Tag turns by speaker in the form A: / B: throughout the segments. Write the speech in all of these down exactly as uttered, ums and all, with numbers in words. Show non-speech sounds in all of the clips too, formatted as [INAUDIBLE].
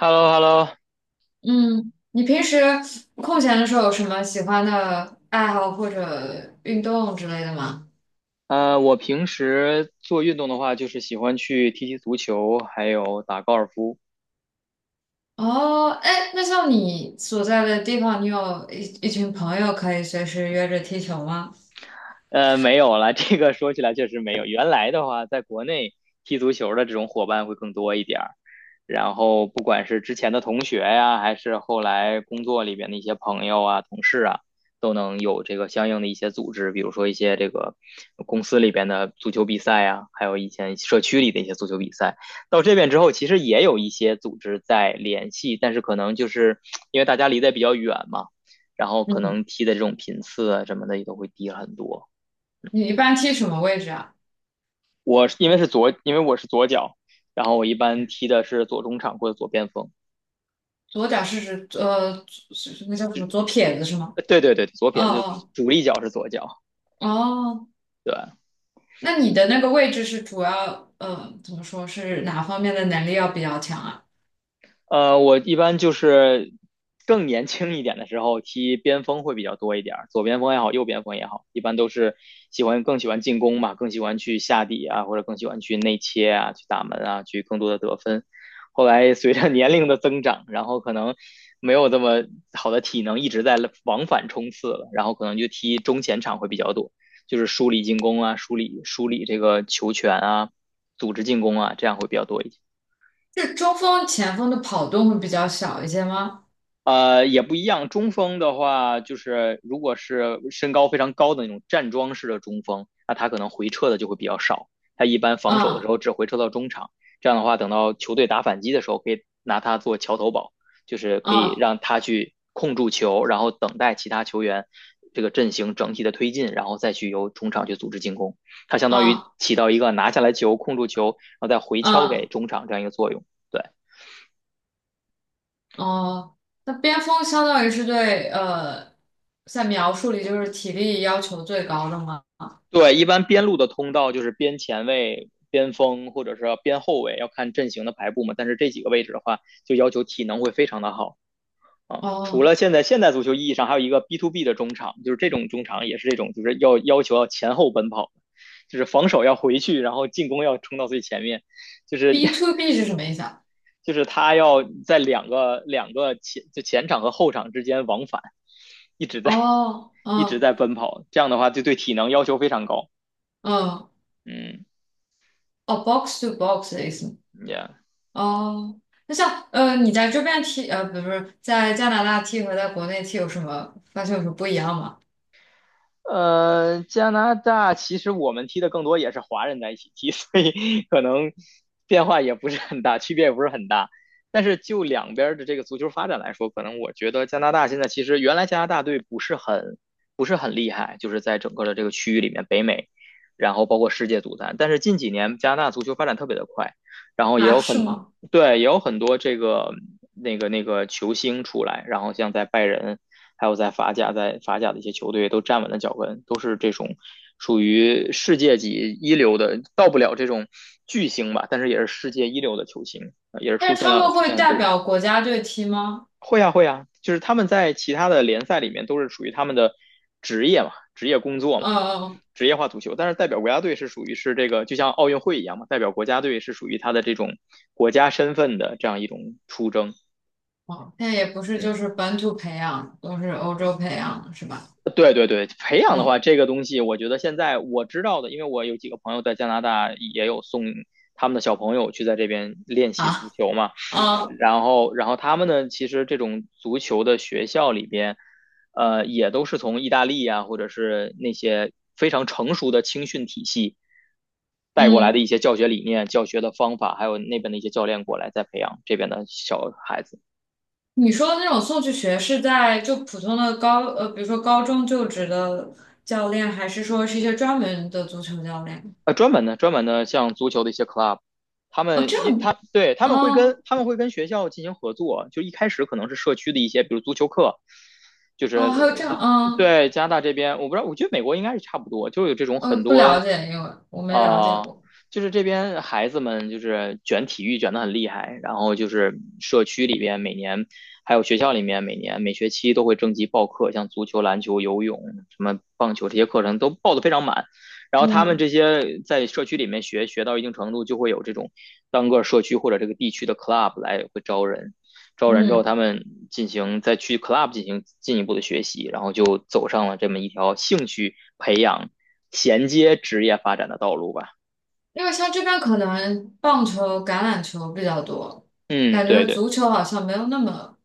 A: h e l l o h e l l o
B: 嗯，你平时空闲的时候有什么喜欢的爱好或者运动之类的吗？
A: 呃，我平时做运动的话，就是喜欢去踢踢足球，还有打高尔夫。
B: 哦，哎，那像你所在的地方，你有一一群朋友可以随时约着踢球吗？
A: 呃，没有了，这个说起来确实没有。原来的话，在国内踢足球的这种伙伴会更多一点儿，然后不管是之前的同学呀，还是后来工作里边的一些朋友啊、同事啊，都能有这个相应的一些组织，比如说一些这个公司里边的足球比赛啊，还有以前社区里的一些足球比赛。到这边之后，其实也有一些组织在联系，但是可能就是因为大家离得比较远嘛，然后可
B: 嗯，
A: 能踢的这种频次啊什么的也都会低很多。
B: 你一般踢什么位置啊？
A: 我是因为是左，因为我是左脚，然后我一般踢的是左中场或者左边锋。
B: 左脚是指呃，左是那叫什么左撇子是吗？
A: 呃对对对，左撇子，
B: 哦
A: 主力脚是左脚。
B: 哦哦，
A: 对，嗯。
B: 那你的那个位置是主要呃，怎么说是哪方面的能力要比较强啊？
A: 呃，我一般就是更年轻一点的时候踢边锋会比较多一点儿，左边锋也好，右边锋也好，一般都是喜欢更喜欢进攻嘛，更喜欢去下底啊，或者更喜欢去内切啊，去打门啊，去更多的得分。后来随着年龄的增长，然后可能没有这么好的体能一直在往返冲刺了，然后可能就踢中前场会比较多，就是梳理进攻啊，梳理梳理这个球权啊，组织进攻啊，这样会比较多一些。
B: 是中锋、前锋的跑动会比较小一些吗？
A: 呃，也不一样。中锋的话，就是如果是身高非常高的那种站桩式的中锋，那他可能回撤的就会比较少。他一般防守的时
B: 嗯
A: 候只回撤到中场，这样的话，等到球队打反击的时候，可以拿他做桥头堡，就是可以
B: 嗯
A: 让他去控住球，然后等待其他球员这个阵型整体的推进，然后再去由中场去组织进攻。他相当于
B: 啊
A: 起到一个拿下来球、控住球，然后再回敲给
B: 啊
A: 中场这样一个作用。对。
B: 哦，那边锋相当于是对呃，在描述里就是体力要求最高的吗？
A: 对，一般边路的通道就是边前卫、边锋或者是边后卫，要看阵型的排布嘛。但是这几个位置的话，就要求体能会非常的好啊。除
B: 哦
A: 了现在现代足球意义上，还有一个 B to B 的中场，就是这种中场也是这种，就是要要求要前后奔跑，就是防守要回去，然后进攻要冲到最前面，就是
B: ，B
A: [LAUGHS]
B: to B 是什么意思啊？
A: 就是他要在两个两个前就前场和后场之间往返，一直在
B: 哦，
A: 一直
B: 嗯
A: 在奔跑，这样的话就对体能要求非常高。
B: 嗯，
A: 嗯
B: 哦，box to box 的意思。
A: ，Yeah。
B: 哦，那像呃，你在这边踢呃，不是不是在加拿大踢和在国内踢有什么发现有什么不一样吗？
A: 呃，加拿大其实我们踢的更多也是华人在一起踢，[LAUGHS] 所以可能变化也不是很大，区别也不是很大。但是就两边的这个足球发展来说，可能我觉得加拿大现在其实原来加拿大队不是很不是很厉害，就是在整个的这个区域里面，北美，然后包括世界足坛。但是近几年加拿大足球发展特别的快，然后也
B: 啊，
A: 有很
B: 是吗？
A: 对，也有很多这个那个那个球星出来，然后像在拜仁。还有在法甲，在法甲的一些球队都站稳了脚跟，都是这种属于世界级一流的，到不了这种巨星吧，但是也是世界一流的球星，呃也是
B: 但
A: 出
B: 是
A: 现
B: 他
A: 了
B: 们
A: 出现
B: 会
A: 很
B: 代
A: 多。
B: 表国家队踢吗？
A: 会啊会啊，就是他们在其他的联赛里面都是属于他们的职业嘛，职业工作嘛，
B: 嗯嗯，嗯
A: 职业化足球。但是代表国家队是属于是这个，就像奥运会一样嘛，代表国家队是属于他的这种国家身份的这样一种出征。
B: 哦，那也不是，
A: 嗯。
B: 就是本土培养，都是欧洲培养的，是吧？
A: 对对对，培养的话，
B: 嗯，
A: 这个东西我觉得现在我知道的，因为我有几个朋友在加拿大也有送他们的小朋友去在这边练习足
B: 啊，
A: 球嘛，
B: 啊，
A: 然后然后他们呢，其实这种足球的学校里边，呃，也都是从意大利啊，或者是那些非常成熟的青训体系带过来的
B: 嗯，
A: 一些教学理念、教学的方法，还有那边的一些教练过来再培养这边的小孩子。
B: 你说的那种送去学是在就普通的高呃，比如说高中就职的教练，还是说是一些专门的足球教练？
A: 呃，专门的专门的像足球的一些 club，他
B: 哦，
A: 们
B: 这
A: 一
B: 样，
A: 他对他们会跟
B: 哦
A: 他们会跟学校进行合作，就一开始可能是社区的一些，比如足球课，就是
B: 哦，还有
A: 呃
B: 这
A: 就
B: 样，嗯，
A: 对加拿大这边，我不知道，我觉得美国应该是差不多，就有这种
B: 呃，
A: 很
B: 不了
A: 多
B: 解，因为我没了解
A: 啊、
B: 过。
A: 就是这边孩子们就是卷体育卷的很厉害，然后就是社区里边每年，还有学校里面每年每学期都会征集报课，像足球、篮球、游泳、什么棒球这些课程都报的非常满。然后他们
B: 嗯
A: 这些在社区里面学学到一定程度，就会有这种单个社区或者这个地区的 club 来会招人，招人之后他
B: 嗯，
A: 们进行再去 club 进行进一步的学习，然后就走上了这么一条兴趣培养。衔接职业发展的道路吧。
B: 因为像这边可能棒球、橄榄球比较多，
A: 嗯，
B: 感
A: 对
B: 觉
A: 对
B: 足球好像没有那么，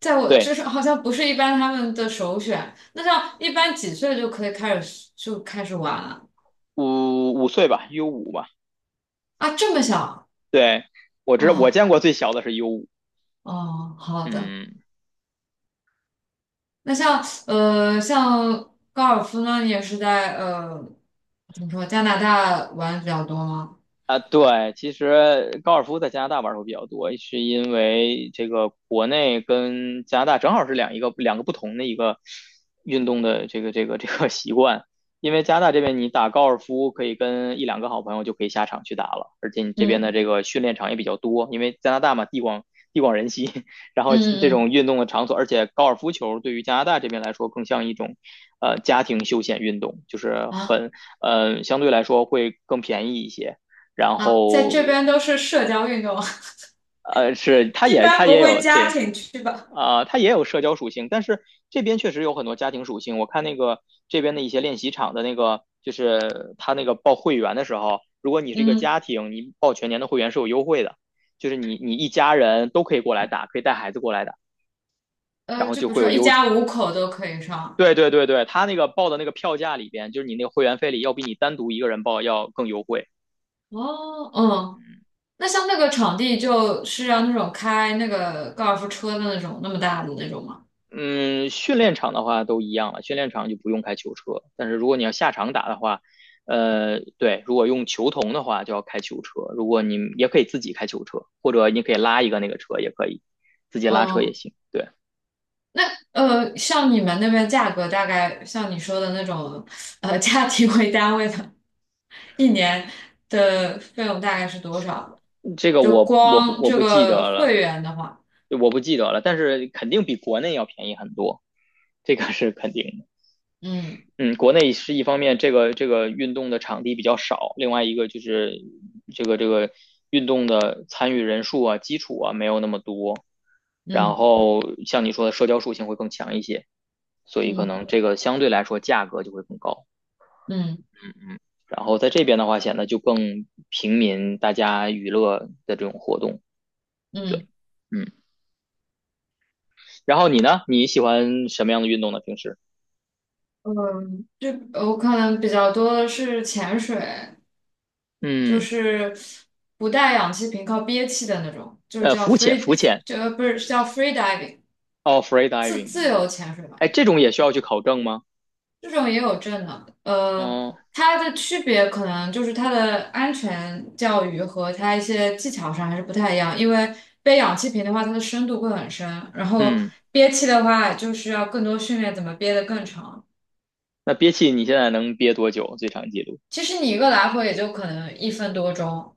B: 在我就
A: 对，
B: 是好像不是一般他们的首选。那像一般几岁就可以开始就开始玩了？
A: 五五岁吧，U 五吧。
B: 啊，这么小？
A: 对，我知道，我
B: 哦
A: 见过最小的是 U 五。
B: 哦，好的。
A: 嗯，
B: 那像呃，像高尔夫呢，你也是在呃，怎么说，加拿大玩得比较多吗？
A: 啊，对，其实高尔夫在加拿大玩的会比较多，是因为这个国内跟加拿大正好是两一个两个不同的一个运动的这个这个这个 [LAUGHS] 习惯。因为加拿大这边你打高尔夫可以跟一两个好朋友就可以下场去打了，而且你这边的
B: 嗯
A: 这个训练场也比较多，因为加拿大嘛地广地广人稀，[LAUGHS] 然后
B: 嗯
A: 这种
B: 嗯
A: 运动的场所，而且高尔夫球对于加拿大这边来说更像一种呃家庭休闲运动，就是
B: 嗯，啊
A: 很呃相对来说会更便宜一些。然
B: 啊，在
A: 后
B: 这边都是社交运动，[LAUGHS]
A: 呃是它
B: 一
A: 也
B: 般
A: 它
B: 不
A: 也
B: 会
A: 有
B: 家
A: 对
B: 庭去吧？
A: 啊、呃它也有社交属性，但是这边确实有很多家庭属性。我看那个这边的一些练习场的那个，就是他那个报会员的时候，如果你是一个
B: 嗯，
A: 家庭，你报全年的会员是有优惠的，就是你你一家人都可以过来打，可以带孩子过来打，然
B: 呃，
A: 后
B: 就比
A: 就
B: 如
A: 会有
B: 说一
A: 优。
B: 家五口都可以上。
A: 对对对对，他那个报的那个票价里边，就是你那个会员费里，要比你单独一个人报要更优惠。
B: 哦，嗯，那像那个场地就是要那种开那个高尔夫车的那种那么大的那种吗？
A: 嗯，训练场的话都一样了，训练场就不用开球车。但是如果你要下场打的话，呃，对，如果用球童的话就要开球车。如果你也可以自己开球车，或者你可以拉一个那个车也可以，自己拉车也
B: 嗯。
A: 行。对，
B: 呃，像你们那边价格大概像你说的那种，呃，家庭为单位的，一年的费用大概是多少？
A: 这个
B: 就
A: 我我不
B: 光
A: 我
B: 这
A: 不记
B: 个
A: 得了，
B: 会员的话，
A: 我不记得了，但是肯定比国内要便宜很多，这个是肯定的。
B: 嗯
A: 嗯，国内是一方面，这个这个运动的场地比较少，另外一个就是这个这个运动的参与人数啊、基础啊没有那么多，然
B: 嗯
A: 后像你说的社交属性会更强一些，所以可
B: 嗯
A: 能这个相对来说价格就会更高。
B: 嗯
A: 嗯，然后在这边的话显得就更平民，大家娱乐的这种活动。
B: 嗯
A: 嗯，然后你呢？你喜欢什么样的运动呢？平时？
B: 嗯，这我可能比较多的是潜水，就
A: 嗯，
B: 是不带氧气瓶，靠憋气的那种，就是
A: 呃，
B: 叫
A: 浮潜，浮
B: free，
A: 潜，
B: 就呃不是叫 free diving，
A: 哦
B: 自
A: ，freediving，
B: 自由潜水吧，
A: 哎，
B: 应该。
A: 这种也需要去考证吗？
B: 这种也有证的，呃，
A: 嗯。
B: 它的区别可能就是它的安全教育和它一些技巧上还是不太一样，因为背氧气瓶的话，它的深度会很深，然后
A: 嗯，
B: 憋气的话，就是要更多训练怎么憋得更长。
A: 那憋气你现在能憋多久？最长记录
B: 其实你一个来回也就可能一分多钟，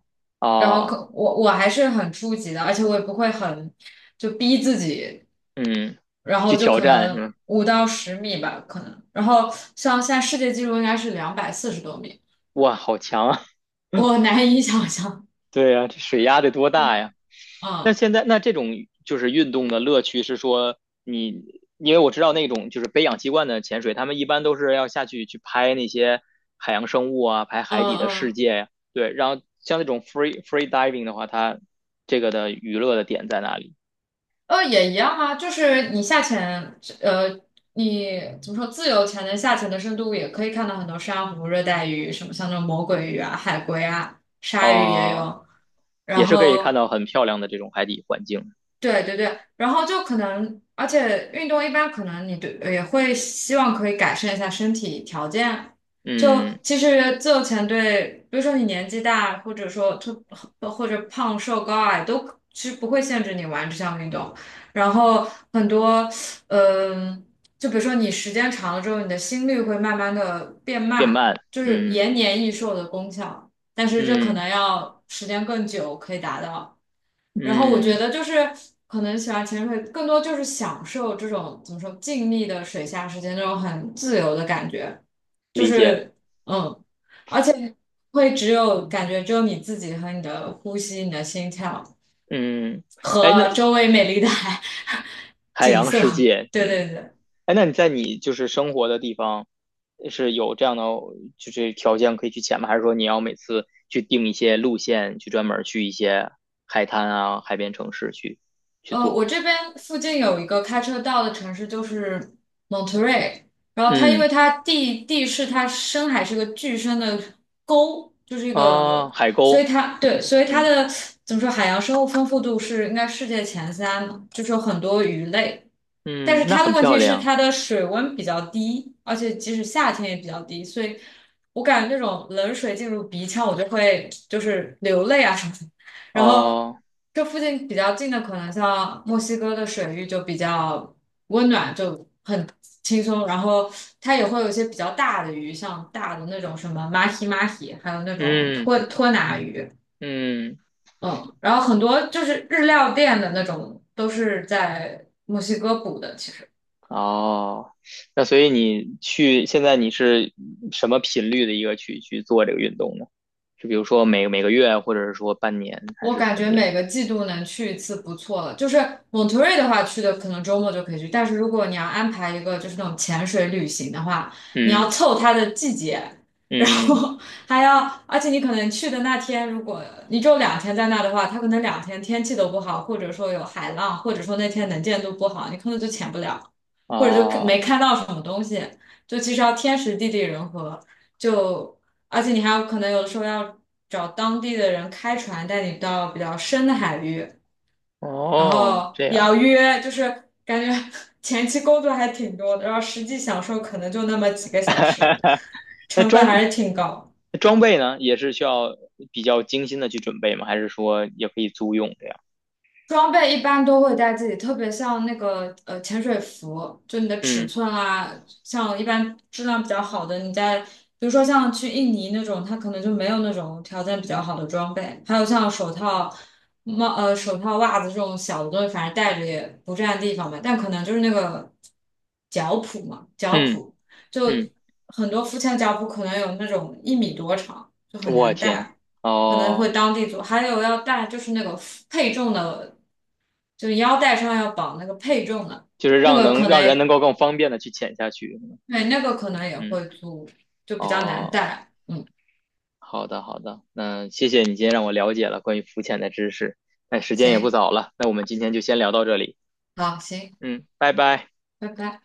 B: 然后
A: 啊，
B: 可我我还是很初级的，而且我也不会很就逼自己，
A: 嗯，
B: 然后
A: 去
B: 就
A: 挑
B: 可
A: 战是
B: 能
A: 吗？
B: 五到十米吧，可能，然后像现在世界纪录应该是两百四十多米。
A: 哇，好强啊！
B: 我
A: [LAUGHS]
B: 难以想象。
A: 对呀，这水压得多大呀？那
B: 嗯
A: 现在那这种就是运动的乐趣是说你，因为我知道那种就是背氧气罐的潜水，他们一般都是要下去去拍那些海洋生物啊，拍
B: 嗯
A: 海底的世
B: 嗯，
A: 界呀。对，然后像那种 free free diving 的话，它这个的娱乐的点在哪里？
B: 呃，也一样啊，就是你下潜，呃，你怎么说，自由潜的下潜的深度也可以看到很多珊瑚、热带鱼，什么像那种魔鬼鱼啊、海龟啊、鲨鱼也
A: 啊，
B: 有，然
A: 也是可以看
B: 后。
A: 到很漂亮的这种海底环境。
B: 对对对，然后就可能，而且运动一般可能你对也会希望可以改善一下身体条件。就
A: 嗯。
B: 其实自由潜对，比如说你年纪大，或者说特或者胖瘦高矮都其实不会限制你玩这项运动。然后很多，嗯、就比如说你时间长了之后，你的心率会慢慢的变
A: 变
B: 慢，
A: 慢，
B: 就是
A: 嗯
B: 延年益寿的功效。但是这可
A: 嗯
B: 能要时间更久可以达到。然后我觉
A: 嗯，
B: 得就是可能喜欢潜水，更多就是享受这种怎么说静谧的水下时间，那种很自由的感觉，就
A: 理解，
B: 是嗯，而且会只有感觉只有你自己和你的呼吸、你的心跳
A: 嗯，哎，那
B: 和周围美丽的 [LAUGHS] 海
A: 海
B: 景
A: 洋
B: 色。
A: 世
B: [LAUGHS]
A: 界，
B: 对
A: 嗯，
B: 对对。
A: 哎，那你在你就是生活的地方是有这样的就是条件可以去潜吗？还是说你要每次去定一些路线，去专门去一些海滩啊、海边城市去去
B: 呃，我
A: 做？
B: 这边附近有一个开车到的城市，就是 Monterey。然后它因
A: 嗯
B: 为它地地势，它深海是个巨深的沟，就是一
A: 啊，
B: 个，
A: 海
B: 所以
A: 沟，
B: 它对，所以它
A: 嗯
B: 的怎么说，海洋生物丰富度是应该世界前三嘛就是有很多鱼类。但
A: 嗯，
B: 是
A: 那
B: 它
A: 很
B: 的问
A: 漂
B: 题是
A: 亮
B: 它的水温比较低，而且即使夏天也比较低，所以我感觉那种冷水进入鼻腔，我就会就是流泪啊什么的。然后
A: 哦，
B: 这附近比较近的，可能像墨西哥的水域就比较温暖，就很轻松。然后它也会有一些比较大的鱼，像大的那种什么马希马希，还有那种
A: 嗯
B: 托托拿鱼。
A: 嗯。
B: 嗯，然后很多就是日料店的那种都是在墨西哥捕的，其实。
A: 哦，那所以你去，现在你是什么频率的一个去去做这个运动呢？是比如说每每个月，或者是说半年，还
B: 我
A: 是
B: 感
A: 怎么
B: 觉
A: 样？
B: 每个季度能去一次不错了。就是蒙特瑞的话，去的可能周末就可以去，但是如果你要安排一个就是那种潜水旅行的话，你
A: 嗯
B: 要凑它的季节，然
A: 嗯，
B: 后 [LAUGHS] 还要，而且你可能去的那天，如果你只有两天在那的话，它可能两天天气都不好，或者说有海浪，或者说那天能见度不好，你可能就潜不了，或者就没
A: 哦
B: 看到什么东西，就其实要天时地利人和，就而且你还有可能有的时候要找当地的人开船带你到比较深的海域，然
A: 哦，
B: 后
A: 这
B: 也
A: 样。
B: 要约，就是感觉 [LAUGHS] 前期工作还挺多的，然后实际享受可能就那么几个小时，
A: [LAUGHS] 那
B: 成本
A: 装
B: 还是挺高。
A: 装备呢，也是需要比较精心的去准备吗？还是说也可以租用这样？
B: 装备一般都会带自己，特别像那个呃潜水服，就你的尺
A: 嗯
B: 寸啊，像一般质量比较好的，你在比如说像去印尼那种，它可能就没有那种条件比较好的装备，还有像手套、帽呃手套、袜子这种小的东西，反正带着也不占地方嘛，但可能就是那个脚蹼嘛，脚
A: 嗯
B: 蹼就
A: 嗯，
B: 很多浮潜脚蹼可能有那种一米多长，就很
A: 我
B: 难
A: 天，
B: 带。可能会
A: 哦，
B: 当地做，还有要带就是那个负配重的就腰带上要绑那个配重的，
A: 就是
B: 那
A: 让
B: 个
A: 能
B: 可
A: 让人能
B: 能
A: 够更方便的去潜下去。
B: 对，那个可能也
A: 嗯，
B: 会租，就比较难
A: 哦。
B: 带。嗯，
A: 好的，好的，那谢谢你今天让我了解了关于浮潜的知识。那时间也不
B: 行，
A: 早了，那我们今天就先聊到这里。
B: 好，行，
A: 嗯，拜拜。
B: 拜拜。